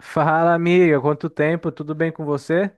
Fala, amiga, quanto tempo? Tudo bem com você?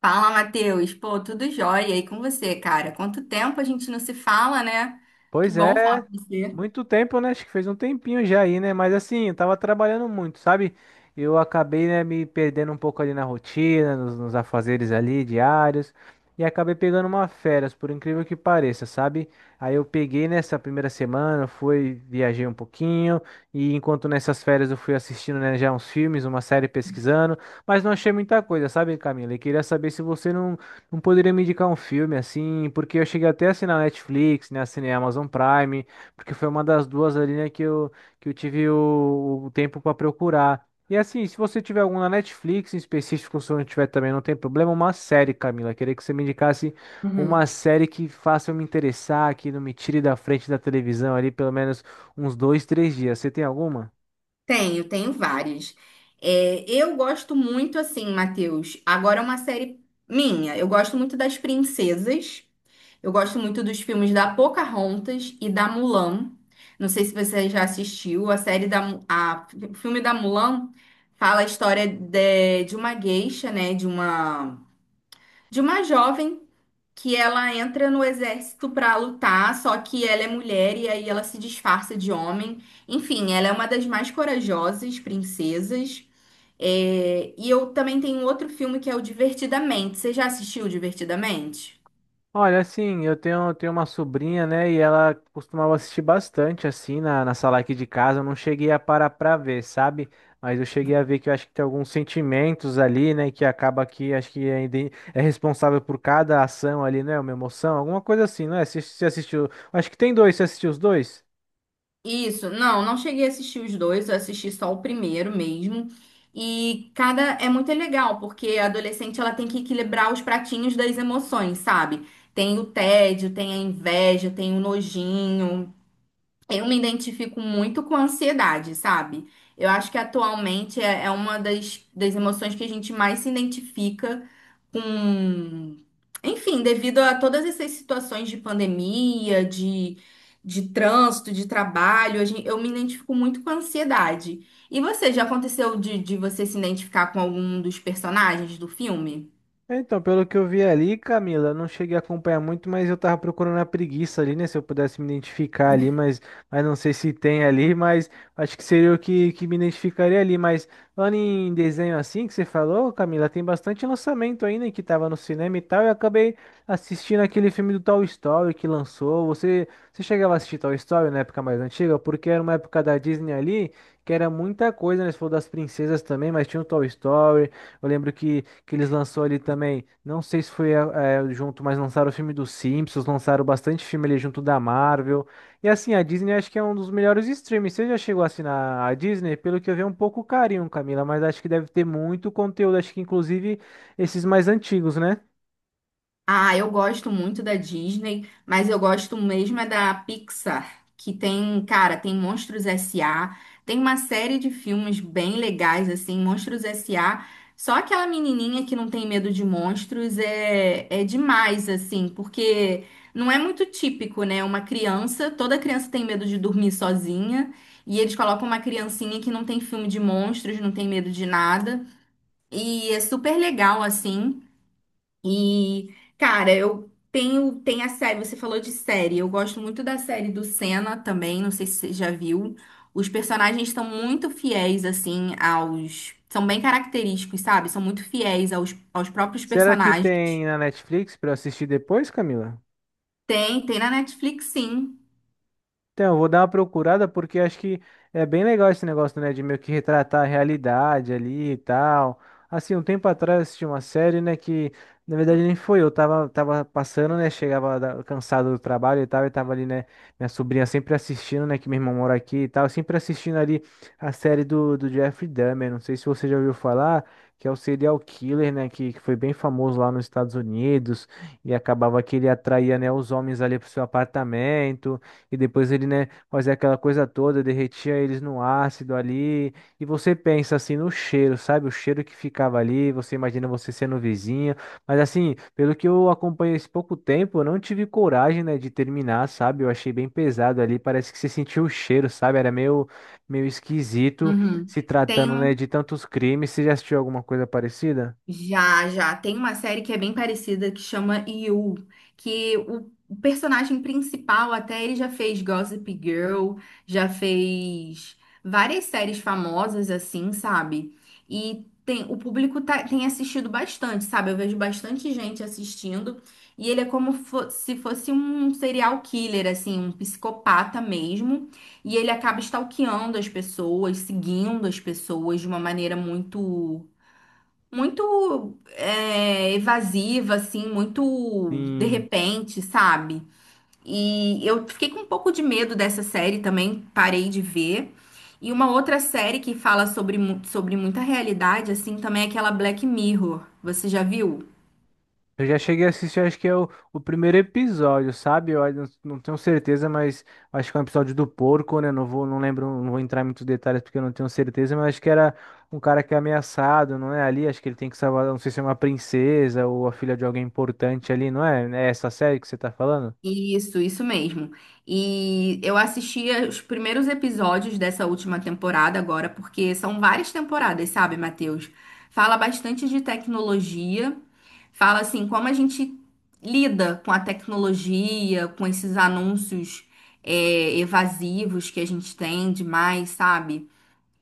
Fala, Matheus. Pô, tudo jóia. E com você, cara? Quanto tempo a gente não se fala, né? Que Pois é, bom falar com você. muito tempo, né? Acho que fez um tempinho já aí, né? Mas assim, eu tava trabalhando muito, sabe? Eu acabei, né, me perdendo um pouco ali na rotina, nos afazeres ali diários, e acabei pegando uma férias, por incrível que pareça, sabe? Aí eu peguei nessa primeira semana, fui, viajei um pouquinho, e enquanto nessas férias eu fui assistindo, né, já uns filmes, uma série pesquisando, mas não achei muita coisa, sabe, Camila? E queria saber se você não poderia me indicar um filme assim, porque eu cheguei até a assinar Netflix, né, assinei a Amazon Prime, porque foi uma das duas ali, né, que eu tive o tempo para procurar. E assim, se você tiver algum na Netflix em específico, se não tiver também, não tem problema, uma série, Camila. Queria que você me indicasse uma Uhum. série que faça eu me interessar, que não me tire da frente da televisão ali pelo menos uns dois, três dias. Você tem alguma? Tenho, tenho vários. É, eu gosto muito, assim, Matheus. Agora é uma série minha. Eu gosto muito das princesas. Eu gosto muito dos filmes da Pocahontas e da Mulan. Não sei se você já assistiu. A série da... A, o filme da Mulan fala a história de uma gueixa, né? De uma jovem que ela entra no exército pra lutar, só que ela é mulher e aí ela se disfarça de homem. Enfim, ela é uma das mais corajosas princesas. É, e eu também tenho outro filme que é o Divertidamente. Você já assistiu Divertidamente? Olha, assim, eu tenho uma sobrinha, né? E ela costumava assistir bastante, assim, na sala aqui de casa. Eu não cheguei a parar pra ver, sabe? Mas eu cheguei a ver que eu acho que tem alguns sentimentos ali, né? Que acaba que acho que é, é responsável por cada ação ali, né? Uma emoção, alguma coisa assim, não é? Você assistiu? Acho que tem dois, você assistiu os dois? Isso, não, não cheguei a assistir os dois, eu assisti só o primeiro mesmo. E cada é muito legal, porque a adolescente ela tem que equilibrar os pratinhos das emoções, sabe? Tem o tédio, tem a inveja, tem o nojinho. Eu me identifico muito com ansiedade, sabe? Eu acho que atualmente é uma das emoções que a gente mais se identifica com. Enfim, devido a todas essas situações de pandemia, de trânsito, de trabalho, eu me identifico muito com a ansiedade. E você, já aconteceu de você se identificar com algum dos personagens do filme? Então, pelo que eu vi ali, Camila, eu não cheguei a acompanhar muito, mas eu tava procurando a preguiça ali, né? Se eu pudesse me identificar ali, mas não sei se tem ali, mas acho que seria o que, que me identificaria ali. Mas falando em desenho assim que você falou, Camila, tem bastante lançamento ainda que tava no cinema e tal. E eu acabei assistindo aquele filme do Toy Story que lançou. Você, você chegava a assistir Toy Story na época mais antiga? Porque era uma época da Disney ali que era muita coisa, né? Você falou das princesas também, mas tinha o Toy Story. Eu lembro que eles lançou ali também. Não sei se foi junto, mas lançaram o filme dos Simpsons, lançaram bastante filme ali junto da Marvel. E assim, a Disney acho que é um dos melhores streams. Você já chegou a assinar a Disney? Pelo que eu vi, é um pouco carinho, Camila, mas acho que deve ter muito conteúdo, acho que inclusive esses mais antigos, né? Ah, eu gosto muito da Disney, mas eu gosto mesmo é da Pixar, que tem, cara, tem Monstros S.A., tem uma série de filmes bem legais, assim, Monstros S.A. Só aquela menininha que não tem medo de monstros é demais, assim, porque não é muito típico, né? Uma criança, toda criança tem medo de dormir sozinha, e eles colocam uma criancinha que não tem filme de monstros, não tem medo de nada, e é super legal, assim. E, cara, eu tenho, tem a série, você falou de série, eu gosto muito da série do Senna também, não sei se você já viu. Os personagens estão muito fiéis, assim, aos. São bem característicos, sabe? São muito fiéis aos próprios Será que personagens. tem na Netflix para eu assistir depois, Camila? Tem, tem na Netflix, sim. Então, eu vou dar uma procurada porque acho que é bem legal esse negócio, né, de meio que retratar a realidade ali e tal. Assim, um tempo atrás eu assisti uma série, né, que na verdade nem foi eu, tava passando, né, chegava cansado do trabalho e tal, e tava ali, né, minha sobrinha sempre assistindo, né, que meu irmão mora aqui e tal, sempre assistindo ali a série do Jeffrey Dahmer, não sei se você já ouviu falar, que é o serial killer, né, que foi bem famoso lá nos Estados Unidos, e acabava que ele atraía, né, os homens ali pro seu apartamento, e depois ele, né, fazia aquela coisa toda, derretia eles no ácido ali. E você pensa assim no cheiro, sabe? O cheiro que ficava ali, você imagina você sendo vizinho. Mas assim, pelo que eu acompanhei esse pouco tempo, eu não tive coragem, né, de terminar, sabe? Eu achei bem pesado ali, parece que você sentiu o cheiro, sabe? Era meio, meio esquisito Uhum. se Tem tratando, né, de um. tantos crimes. Você já assistiu alguma coisa parecida? Já, já. Tem uma série que é bem parecida que chama You, que o personagem principal até ele já fez Gossip Girl, já fez várias séries famosas assim, sabe? E tem, o público tem assistido bastante, sabe? Eu vejo bastante gente assistindo e ele é como se fosse um serial killer, assim, um psicopata mesmo. E ele acaba stalkeando as pessoas, seguindo as pessoas de uma maneira muito evasiva, assim, muito de Sim. repente, sabe? E eu fiquei com um pouco de medo dessa série também, parei de ver. E uma outra série que fala sobre, sobre muita realidade, assim, também é aquela Black Mirror. Você já viu? Eu já cheguei a assistir, acho que é o primeiro episódio, sabe? Eu ainda não tenho certeza, mas acho que é um episódio do porco, né? Não vou, não lembro, não vou entrar em muitos detalhes porque eu não tenho certeza, mas acho que era um cara que é ameaçado, não é? Ali, acho que ele tem que salvar, não sei se é uma princesa ou a filha de alguém importante ali, não é? É essa série que você tá falando? Isso mesmo. E eu assisti os primeiros episódios dessa última temporada agora, porque são várias temporadas, sabe, Matheus? Fala bastante de tecnologia, fala assim como a gente lida com a tecnologia, com esses anúncios evasivos que a gente tem demais, sabe?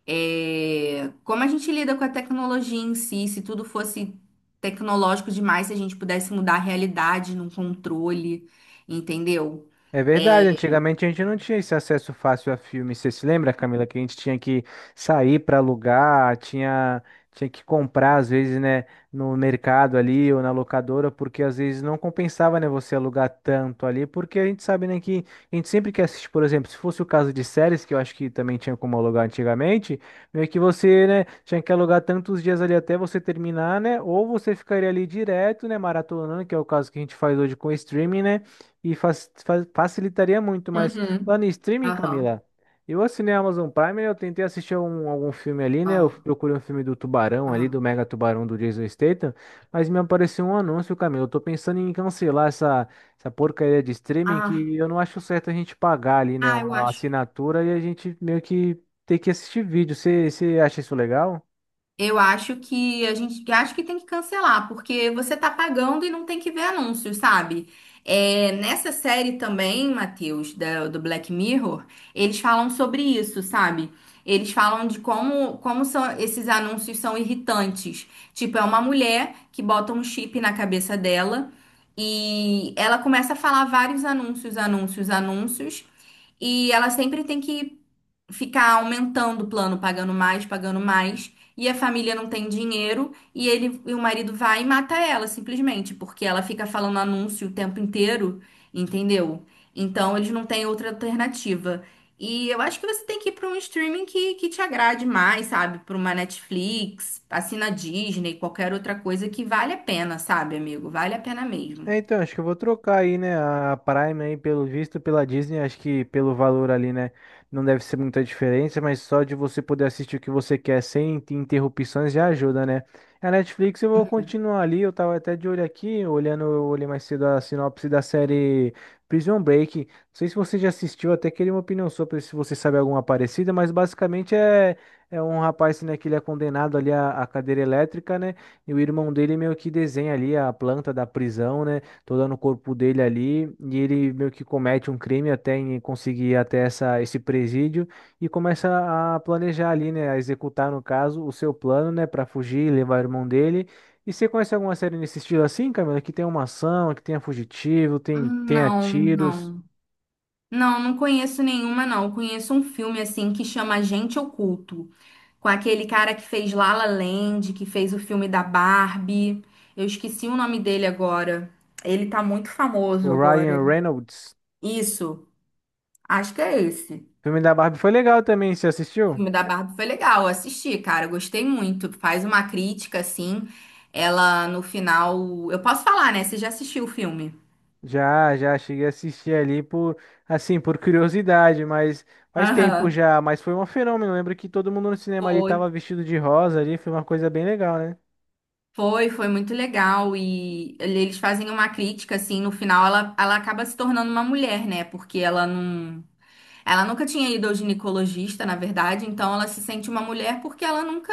É, como a gente lida com a tecnologia em si, se tudo fosse tecnológico demais, se a gente pudesse mudar a realidade num controle, entendeu? É verdade, antigamente a gente não tinha esse acesso fácil a filmes. Você se lembra, Camila, que a gente tinha que sair para alugar, tinha, tinha que comprar, às vezes, né, no mercado ali ou na locadora, porque às vezes não compensava, né, você alugar tanto ali, porque a gente sabe, né, que a gente sempre quer assistir, por exemplo, se fosse o caso de séries, que eu acho que também tinha como alugar antigamente, meio que você, né, tinha que alugar tantos dias ali até você terminar, né, ou você ficaria ali direto, né, maratonando, que é o caso que a gente faz hoje com o streaming, né, e facilitaria muito. Mas Uhum. falando em streaming, Aham, Camila, eu assinei a Amazon Prime, eu tentei assistir algum filme ali, né? Eu aham, procurei um filme do Tubarão ali, do aham. Mega Tubarão do Jason Statham, mas me apareceu um anúncio, Camila. Eu tô pensando em cancelar essa, essa porcaria de streaming Ah, que eu não acho certo a gente pagar ali, né? ah, eu Uma acho. assinatura e a gente meio que ter que assistir vídeo. Você acha isso legal? Eu acho que a gente Eu acho que tem que cancelar, porque você tá pagando e não tem que ver anúncios, sabe? É, nessa série também, Matheus, do Black Mirror, eles falam sobre isso, sabe? Eles falam de como, como são, esses anúncios são irritantes. Tipo, é uma mulher que bota um chip na cabeça dela e ela começa a falar vários anúncios, anúncios, anúncios, e ela sempre tem que ficar aumentando o plano, pagando mais, e a família não tem dinheiro, e ele e o marido vai e mata ela, simplesmente, porque ela fica falando anúncio o tempo inteiro, entendeu? Então eles não têm outra alternativa. E eu acho que você tem que ir para um streaming que te agrade mais, sabe? Para uma Netflix, assina Disney, qualquer outra coisa que vale a pena, sabe, amigo? Vale a pena mesmo. É, então, acho que eu vou trocar aí, né, a Prime aí, pelo visto, pela Disney, acho que pelo valor ali, né, não deve ser muita diferença, mas só de você poder assistir o que você quer sem ter interrupções já ajuda, né? A Netflix eu vou continuar ali, eu tava até de olho aqui, olhando, eu olhei mais cedo a sinopse da série Prison Break, não sei se você já assistiu, até queria uma opinião sua, pra ver se você sabe alguma parecida, mas basicamente é, é um rapaz, né, que ele é condenado ali à à cadeira elétrica, né, e o irmão dele meio que desenha ali a planta da prisão, né? Toda no corpo dele ali. E ele meio que comete um crime até em conseguir ir até essa, esse presídio e começa a planejar ali, né? A executar, no caso, o seu plano, né? Para fugir e levar o irmão dele. E você conhece alguma série nesse estilo assim, Camila? Que tem uma ação, que tenha fugitivo, tem, tenha Não, tiros. não. Não, não conheço nenhuma, não. Conheço um filme assim que chama Agente Oculto, com aquele cara que fez La La Land, que fez o filme da Barbie. Eu esqueci o nome dele agora. Ele tá muito famoso O Ryan agora. Reynolds. Isso, acho que é esse. O filme da Barbie foi legal também, você O assistiu? filme da Barbie foi legal, eu assisti, cara, eu gostei muito. Faz uma crítica assim. Ela no final, eu posso falar, né? Você já assistiu o filme? Já, já cheguei a assistir ali por, assim, por curiosidade, mas faz tempo Aham. já, mas foi um fenômeno. Lembro que todo mundo no cinema ali Foi, tava vestido de rosa ali, foi uma coisa bem legal, né? foi, foi muito legal e eles fazem uma crítica assim, no final ela, ela acaba se tornando uma mulher, né? Porque ela não... Ela nunca tinha ido ao ginecologista, na verdade, então ela se sente uma mulher porque ela nunca,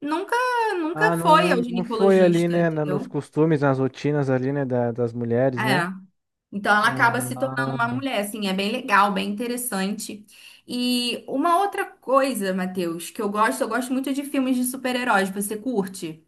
nunca, Ah, nunca foi não, ao não, não foi ali, ginecologista, né, nos entendeu? costumes, nas rotinas ali, né, das mulheres, né? É. Então ela acaba se tornando uma Ah, mulher, assim, é bem legal, bem interessante. E uma outra coisa, Matheus, que eu gosto muito de filmes de super-heróis. Você curte?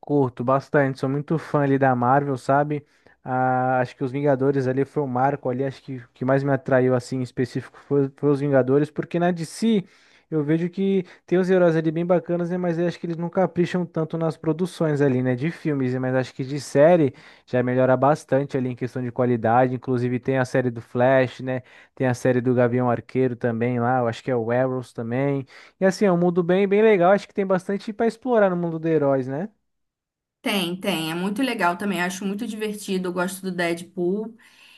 curto bastante, sou muito fã ali da Marvel, sabe? Ah, acho que os Vingadores ali foi o marco ali, acho que o que mais me atraiu assim em específico foi, foi os Vingadores, porque na DC eu vejo que tem os heróis ali bem bacanas, né? Mas eu acho que eles não capricham tanto nas produções ali, né? De filmes, né, mas acho que de série já melhora bastante ali em questão de qualidade. Inclusive tem a série do Flash, né? Tem a série do Gavião Arqueiro também lá, eu acho que é o Arrows também. E assim, é um mundo bem, bem legal, acho que tem bastante para explorar no mundo dos heróis, né? Tem, tem. É muito legal também. Acho muito divertido. Eu gosto do Deadpool.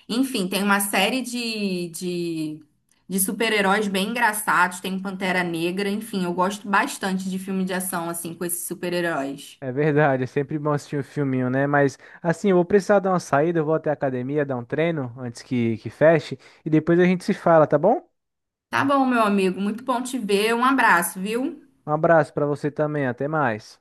Enfim, tem uma série de super-heróis bem engraçados. Tem o Pantera Negra. Enfim, eu gosto bastante de filme de ação, assim, com esses super-heróis. É verdade, é sempre bom assistir um filminho, né? Mas assim, eu vou precisar dar uma saída, eu vou até a academia dar um treino antes que feche e depois a gente se fala, tá bom? Tá bom, meu amigo. Muito bom te ver. Um abraço, viu? Um abraço pra você também, até mais.